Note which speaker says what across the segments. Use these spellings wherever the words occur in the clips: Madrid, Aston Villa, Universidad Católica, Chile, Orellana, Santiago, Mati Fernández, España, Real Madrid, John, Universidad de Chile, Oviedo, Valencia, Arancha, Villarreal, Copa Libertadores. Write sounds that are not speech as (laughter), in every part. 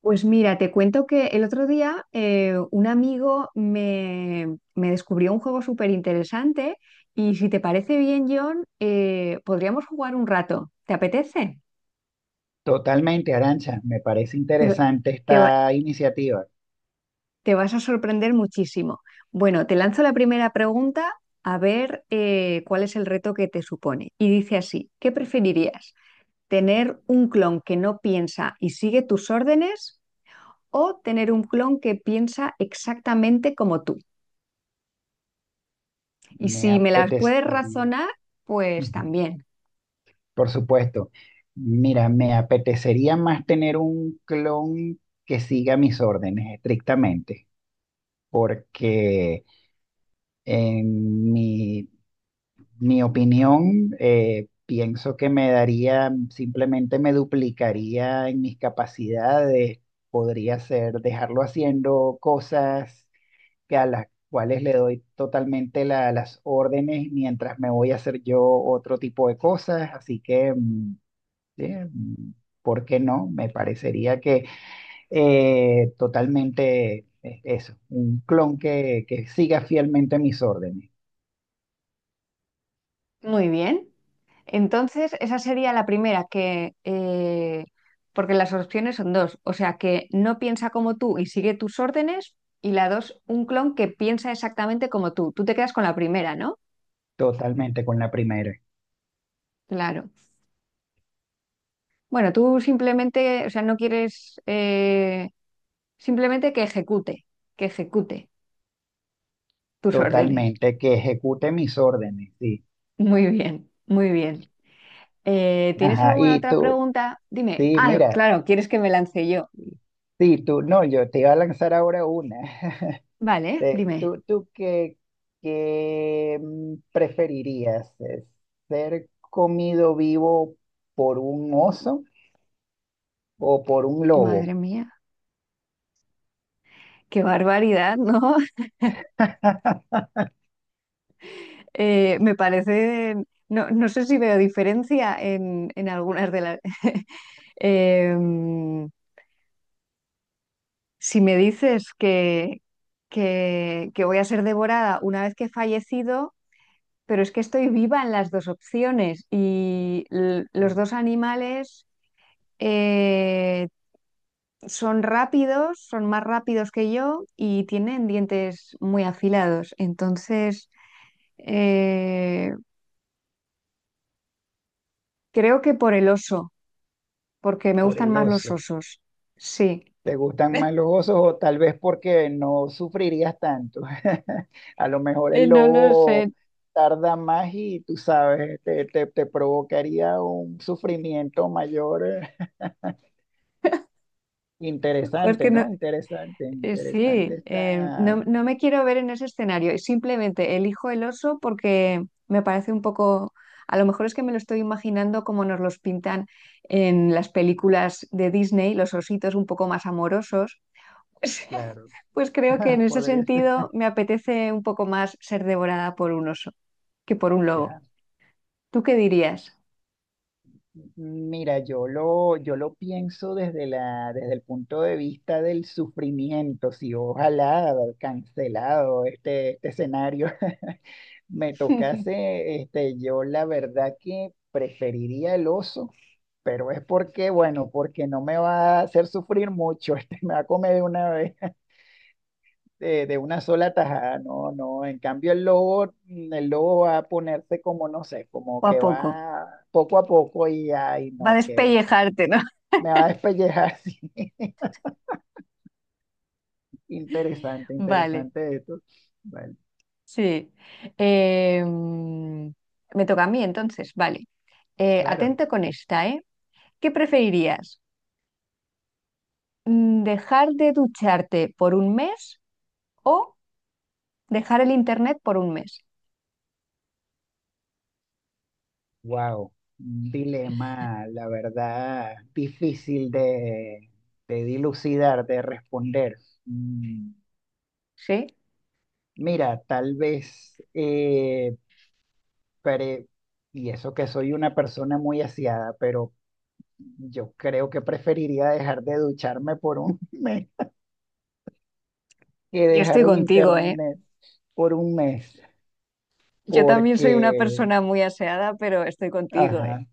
Speaker 1: Pues mira, te cuento que el otro día un amigo me descubrió un juego súper interesante y si te parece bien, John, podríamos jugar un rato. ¿Te apetece?
Speaker 2: Totalmente, Arancha, me parece
Speaker 1: Te,
Speaker 2: interesante
Speaker 1: te va-
Speaker 2: esta iniciativa.
Speaker 1: Te vas a sorprender muchísimo. Bueno, te lanzo la primera pregunta a ver cuál es el reto que te supone. Y dice así, ¿qué preferirías? ¿Tener un clon que no piensa y sigue tus órdenes o tener un clon que piensa exactamente como tú? Y
Speaker 2: Me
Speaker 1: si me las puedes
Speaker 2: apetecería.
Speaker 1: razonar, pues
Speaker 2: Ujú.
Speaker 1: también.
Speaker 2: Por supuesto, mira, me apetecería más tener un clon que siga mis órdenes estrictamente, porque en mi opinión, pienso que me daría, simplemente me duplicaría en mis capacidades, podría ser dejarlo haciendo cosas que a las cuales le doy totalmente las órdenes mientras me voy a hacer yo otro tipo de cosas. Así que, sí, ¿por qué no? Me parecería que totalmente, eso, un clon que siga fielmente mis órdenes,
Speaker 1: Muy bien. Entonces, esa sería la primera, porque las opciones son dos, o sea, que no piensa como tú y sigue tus órdenes, y la dos, un clon que piensa exactamente como tú. Tú te quedas con la primera, ¿no?
Speaker 2: totalmente con la primera,
Speaker 1: Claro. Bueno, tú simplemente, o sea, no quieres, simplemente que ejecute tus órdenes.
Speaker 2: totalmente que ejecute mis órdenes, sí.
Speaker 1: Muy bien, muy bien. ¿tienes
Speaker 2: Ajá,
Speaker 1: alguna
Speaker 2: y
Speaker 1: otra
Speaker 2: tú,
Speaker 1: pregunta? Dime.
Speaker 2: sí,
Speaker 1: Ah,
Speaker 2: mira,
Speaker 1: claro, ¿quieres que me lance yo?
Speaker 2: sí, tú, no, yo te iba a lanzar ahora una.
Speaker 1: Vale, dime.
Speaker 2: ¿Tú qué preferirías? ¿Ser comido vivo por un oso o por un lobo?
Speaker 1: Madre mía, qué barbaridad, ¿no? (laughs)
Speaker 2: (laughs)
Speaker 1: Me parece, no, no sé si veo diferencia en algunas de las... (laughs) Em, si me dices que voy a ser devorada una vez que he fallecido, pero es que estoy viva en las dos opciones y los
Speaker 2: Sí,
Speaker 1: dos animales... eh, son rápidos, son más rápidos que yo y tienen dientes muy afilados. Entonces, eh, creo que por el oso, porque me
Speaker 2: por
Speaker 1: gustan
Speaker 2: el
Speaker 1: más los
Speaker 2: oso.
Speaker 1: osos. Sí.
Speaker 2: ¿Te gustan más
Speaker 1: (laughs)
Speaker 2: los osos o tal vez porque no sufrirías tanto? (laughs) A lo mejor el
Speaker 1: No lo
Speaker 2: lobo
Speaker 1: sé.
Speaker 2: tarda más y tú sabes, te provocaría un sufrimiento mayor. (laughs)
Speaker 1: Jo, es
Speaker 2: Interesante,
Speaker 1: que
Speaker 2: ¿no? Interesante, interesante
Speaker 1: sí, no,
Speaker 2: está.
Speaker 1: no me quiero ver en ese escenario. Simplemente elijo el oso porque me parece un poco, a lo mejor es que me lo estoy imaginando como nos los pintan en las películas de Disney, los ositos un poco más amorosos. (laughs)
Speaker 2: Claro.
Speaker 1: Pues creo que en ese
Speaker 2: Podría ser.
Speaker 1: sentido
Speaker 2: (laughs)
Speaker 1: me apetece un poco más ser devorada por un oso que por un lobo.
Speaker 2: Ya.
Speaker 1: ¿Tú qué dirías?
Speaker 2: Mira, yo lo pienso desde desde el punto de vista del sufrimiento. Si ojalá haber cancelado este escenario (laughs) me
Speaker 1: (laughs)
Speaker 2: tocase, yo la verdad que preferiría el oso, pero es porque, bueno, porque no me va a hacer sufrir mucho, (laughs) me va a comer de una vez. De una sola tajada, no, no. En cambio, el lobo va a ponerse como, no sé, como
Speaker 1: ¿O a
Speaker 2: que
Speaker 1: poco?
Speaker 2: va poco a poco y ay,
Speaker 1: Va a
Speaker 2: no, que
Speaker 1: despellejarte, ¿no? (laughs)
Speaker 2: me va a despellejar (laughs) así. Interesante,
Speaker 1: Vale,
Speaker 2: interesante esto. Bueno,
Speaker 1: sí. Eh, mm, Me toca a mí entonces, vale.
Speaker 2: claro,
Speaker 1: Atento con esta, ¿eh? ¿Qué preferirías? ¿Dejar de ducharte por un mes o dejar el internet por un mes?
Speaker 2: wow, un dilema, la verdad, difícil de dilucidar, de responder. Mm,
Speaker 1: Sí,
Speaker 2: Mira, tal vez, pre- y eso que soy una persona muy aseada, pero yo creo que preferiría dejar de ducharme por un (laughs) mes que
Speaker 1: yo
Speaker 2: dejar
Speaker 1: estoy
Speaker 2: el
Speaker 1: contigo, ¿eh?
Speaker 2: internet por un mes,
Speaker 1: Yo también soy una
Speaker 2: porque,
Speaker 1: persona muy aseada, pero estoy contigo, ¿eh?
Speaker 2: ajá,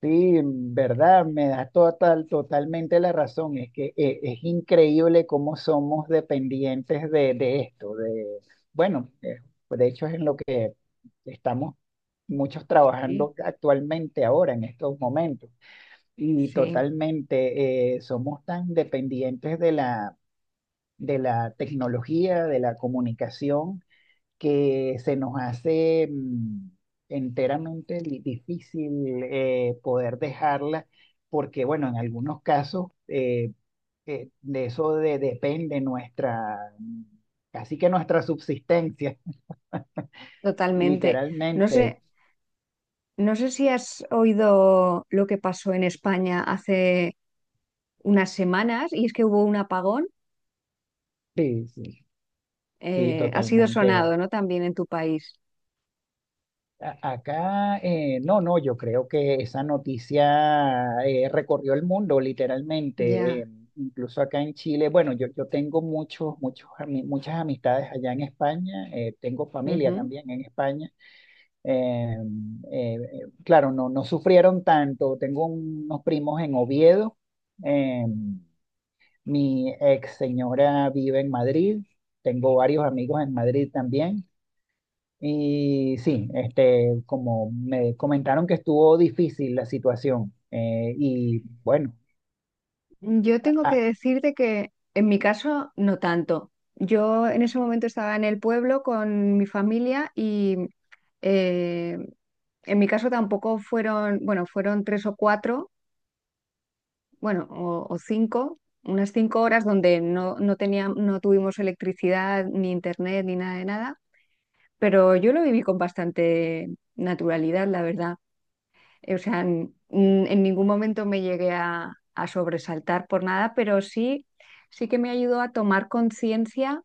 Speaker 2: sí, en verdad, me da totalmente la razón. Es que es increíble cómo somos dependientes de esto, bueno, de hecho es en lo que estamos muchos
Speaker 1: Sí,
Speaker 2: trabajando actualmente ahora, en estos momentos, y
Speaker 1: sí,
Speaker 2: totalmente, somos tan dependientes de la tecnología, de la comunicación, que se nos hace enteramente difícil, poder dejarla, porque bueno, en algunos casos, de eso depende nuestra, casi que nuestra subsistencia, (laughs)
Speaker 1: totalmente. No
Speaker 2: literalmente.
Speaker 1: sé, no sé si has oído lo que pasó en España hace unas semanas y es que hubo un apagón.
Speaker 2: Sí, sí, sí,
Speaker 1: Ha sido
Speaker 2: totalmente.
Speaker 1: sonado, ¿no? También en tu país.
Speaker 2: Acá, no, no, yo creo que esa noticia recorrió el mundo literalmente,
Speaker 1: Ya.
Speaker 2: incluso acá en Chile. Bueno, yo tengo muchos, muchos, muchas amistades allá en España, tengo familia
Speaker 1: Ujú.
Speaker 2: también en España. Claro, no, no sufrieron tanto. Tengo unos primos en Oviedo, eh, mi ex señora vive en Madrid, tengo varios amigos en Madrid también. Y sí, como me comentaron que estuvo difícil la situación, y bueno,
Speaker 1: Yo tengo que
Speaker 2: ah,
Speaker 1: decirte que en mi caso no tanto. Yo en ese momento estaba en el pueblo con mi familia y eh, en mi caso tampoco fueron, bueno, fueron tres o cuatro bueno, o cinco, unas cinco horas donde no, no tuvimos electricidad, ni internet, ni nada de nada, pero yo lo viví con bastante naturalidad, la verdad. O sea, en ningún momento me llegué a sobresaltar por nada, pero sí, sí que me ayudó a tomar conciencia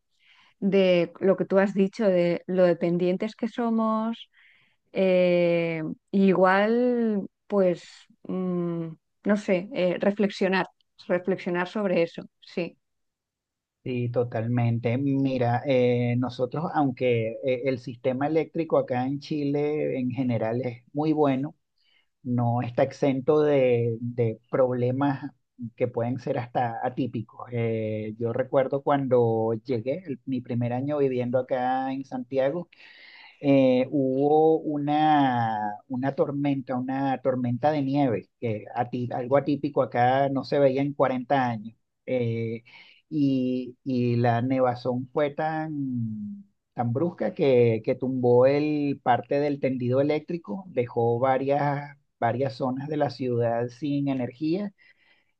Speaker 1: de lo que tú has dicho, de lo dependientes que somos. eh, igual, mm, no sé, reflexionar sobre eso. Sí,
Speaker 2: sí, totalmente. Mira, nosotros, aunque el sistema eléctrico acá en Chile en general es muy bueno, no está exento de problemas que pueden ser hasta atípicos. Yo recuerdo cuando llegué, mi primer año viviendo acá en Santiago, hubo una, tormenta, una tormenta de nieve, que algo atípico acá no se veía en 40 años. Eh, y la nevazón fue tan, tan brusca que tumbó el parte del tendido eléctrico, dejó varias zonas de la ciudad sin energía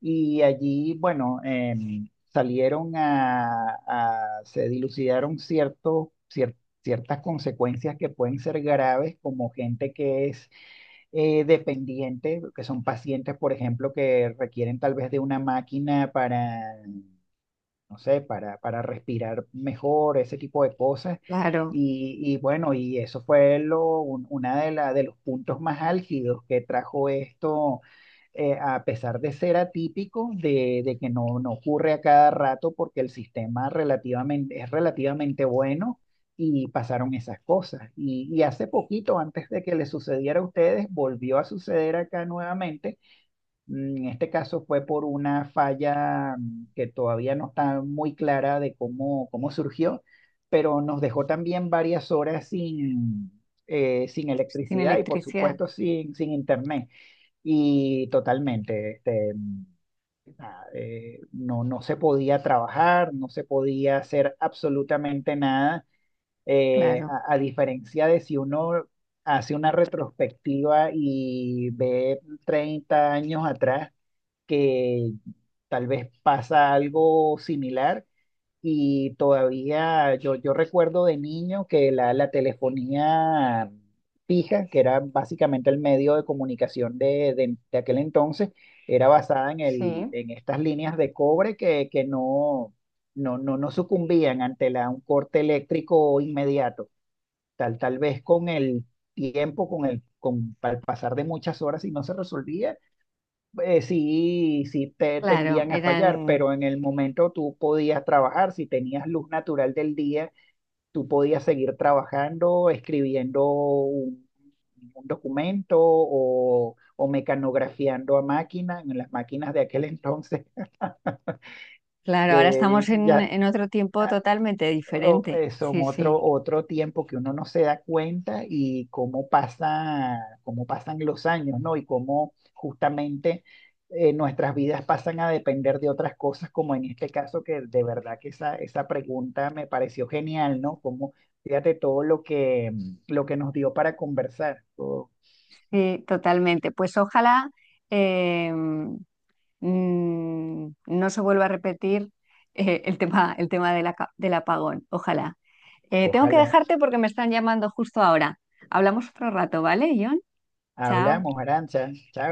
Speaker 2: y allí, bueno, salieron se dilucidaron ciertas consecuencias que pueden ser graves, como gente que es, dependiente, que son pacientes, por ejemplo, que requieren tal vez de una máquina para no sé, para respirar mejor, ese tipo de cosas.
Speaker 1: claro,
Speaker 2: Y bueno, y eso fue lo, un- una de, la, de los puntos más álgidos que trajo esto, a pesar de ser atípico, de que no ocurre a cada rato porque el sistema es relativamente bueno y pasaron esas cosas. y, hace poquito, antes de que le sucediera a ustedes, volvió a suceder acá nuevamente. En este caso fue por una falla, que todavía no está muy clara de cómo surgió, pero nos dejó también varias horas sin
Speaker 1: sin
Speaker 2: electricidad y por
Speaker 1: electricidad,
Speaker 2: supuesto sin internet. Y totalmente, no se podía trabajar, no se podía hacer absolutamente nada,
Speaker 1: claro,
Speaker 2: a diferencia de si uno hace una retrospectiva y ve 30 años atrás que tal vez pasa algo similar y todavía yo recuerdo de niño que la telefonía fija, que era básicamente el medio de comunicación de aquel entonces, era basada en, el,
Speaker 1: sí,
Speaker 2: en estas líneas de cobre que no sucumbían ante un corte eléctrico inmediato, tal vez con el tiempo, al pasar de muchas horas y no se resolvía, sí, sí te
Speaker 1: claro,
Speaker 2: tendían a fallar,
Speaker 1: eran,
Speaker 2: pero en el momento tú podías trabajar, si tenías luz natural del día, tú podías seguir trabajando, escribiendo un documento o mecanografiando a máquina, en las máquinas de aquel entonces, (laughs)
Speaker 1: claro, ahora
Speaker 2: que
Speaker 1: estamos
Speaker 2: ya
Speaker 1: en otro tiempo totalmente diferente.
Speaker 2: son
Speaker 1: Sí, sí,
Speaker 2: otro tiempo que uno no se da cuenta y cómo pasa, cómo pasan los años, ¿no? Y cómo justamente, nuestras vidas pasan a depender de otras cosas, como en este caso, que de verdad que esa pregunta me pareció genial, ¿no? Como, fíjate todo lo que, nos dio para conversar. O-
Speaker 1: sí, totalmente. Pues ojalá. em, no se vuelva a repetir el tema del apagón. Ojalá. Tengo que
Speaker 2: ojalá.
Speaker 1: dejarte porque me están llamando justo ahora. Hablamos otro rato, ¿vale, John?
Speaker 2: Hablamos,
Speaker 1: Chao.
Speaker 2: Arancha. Chao.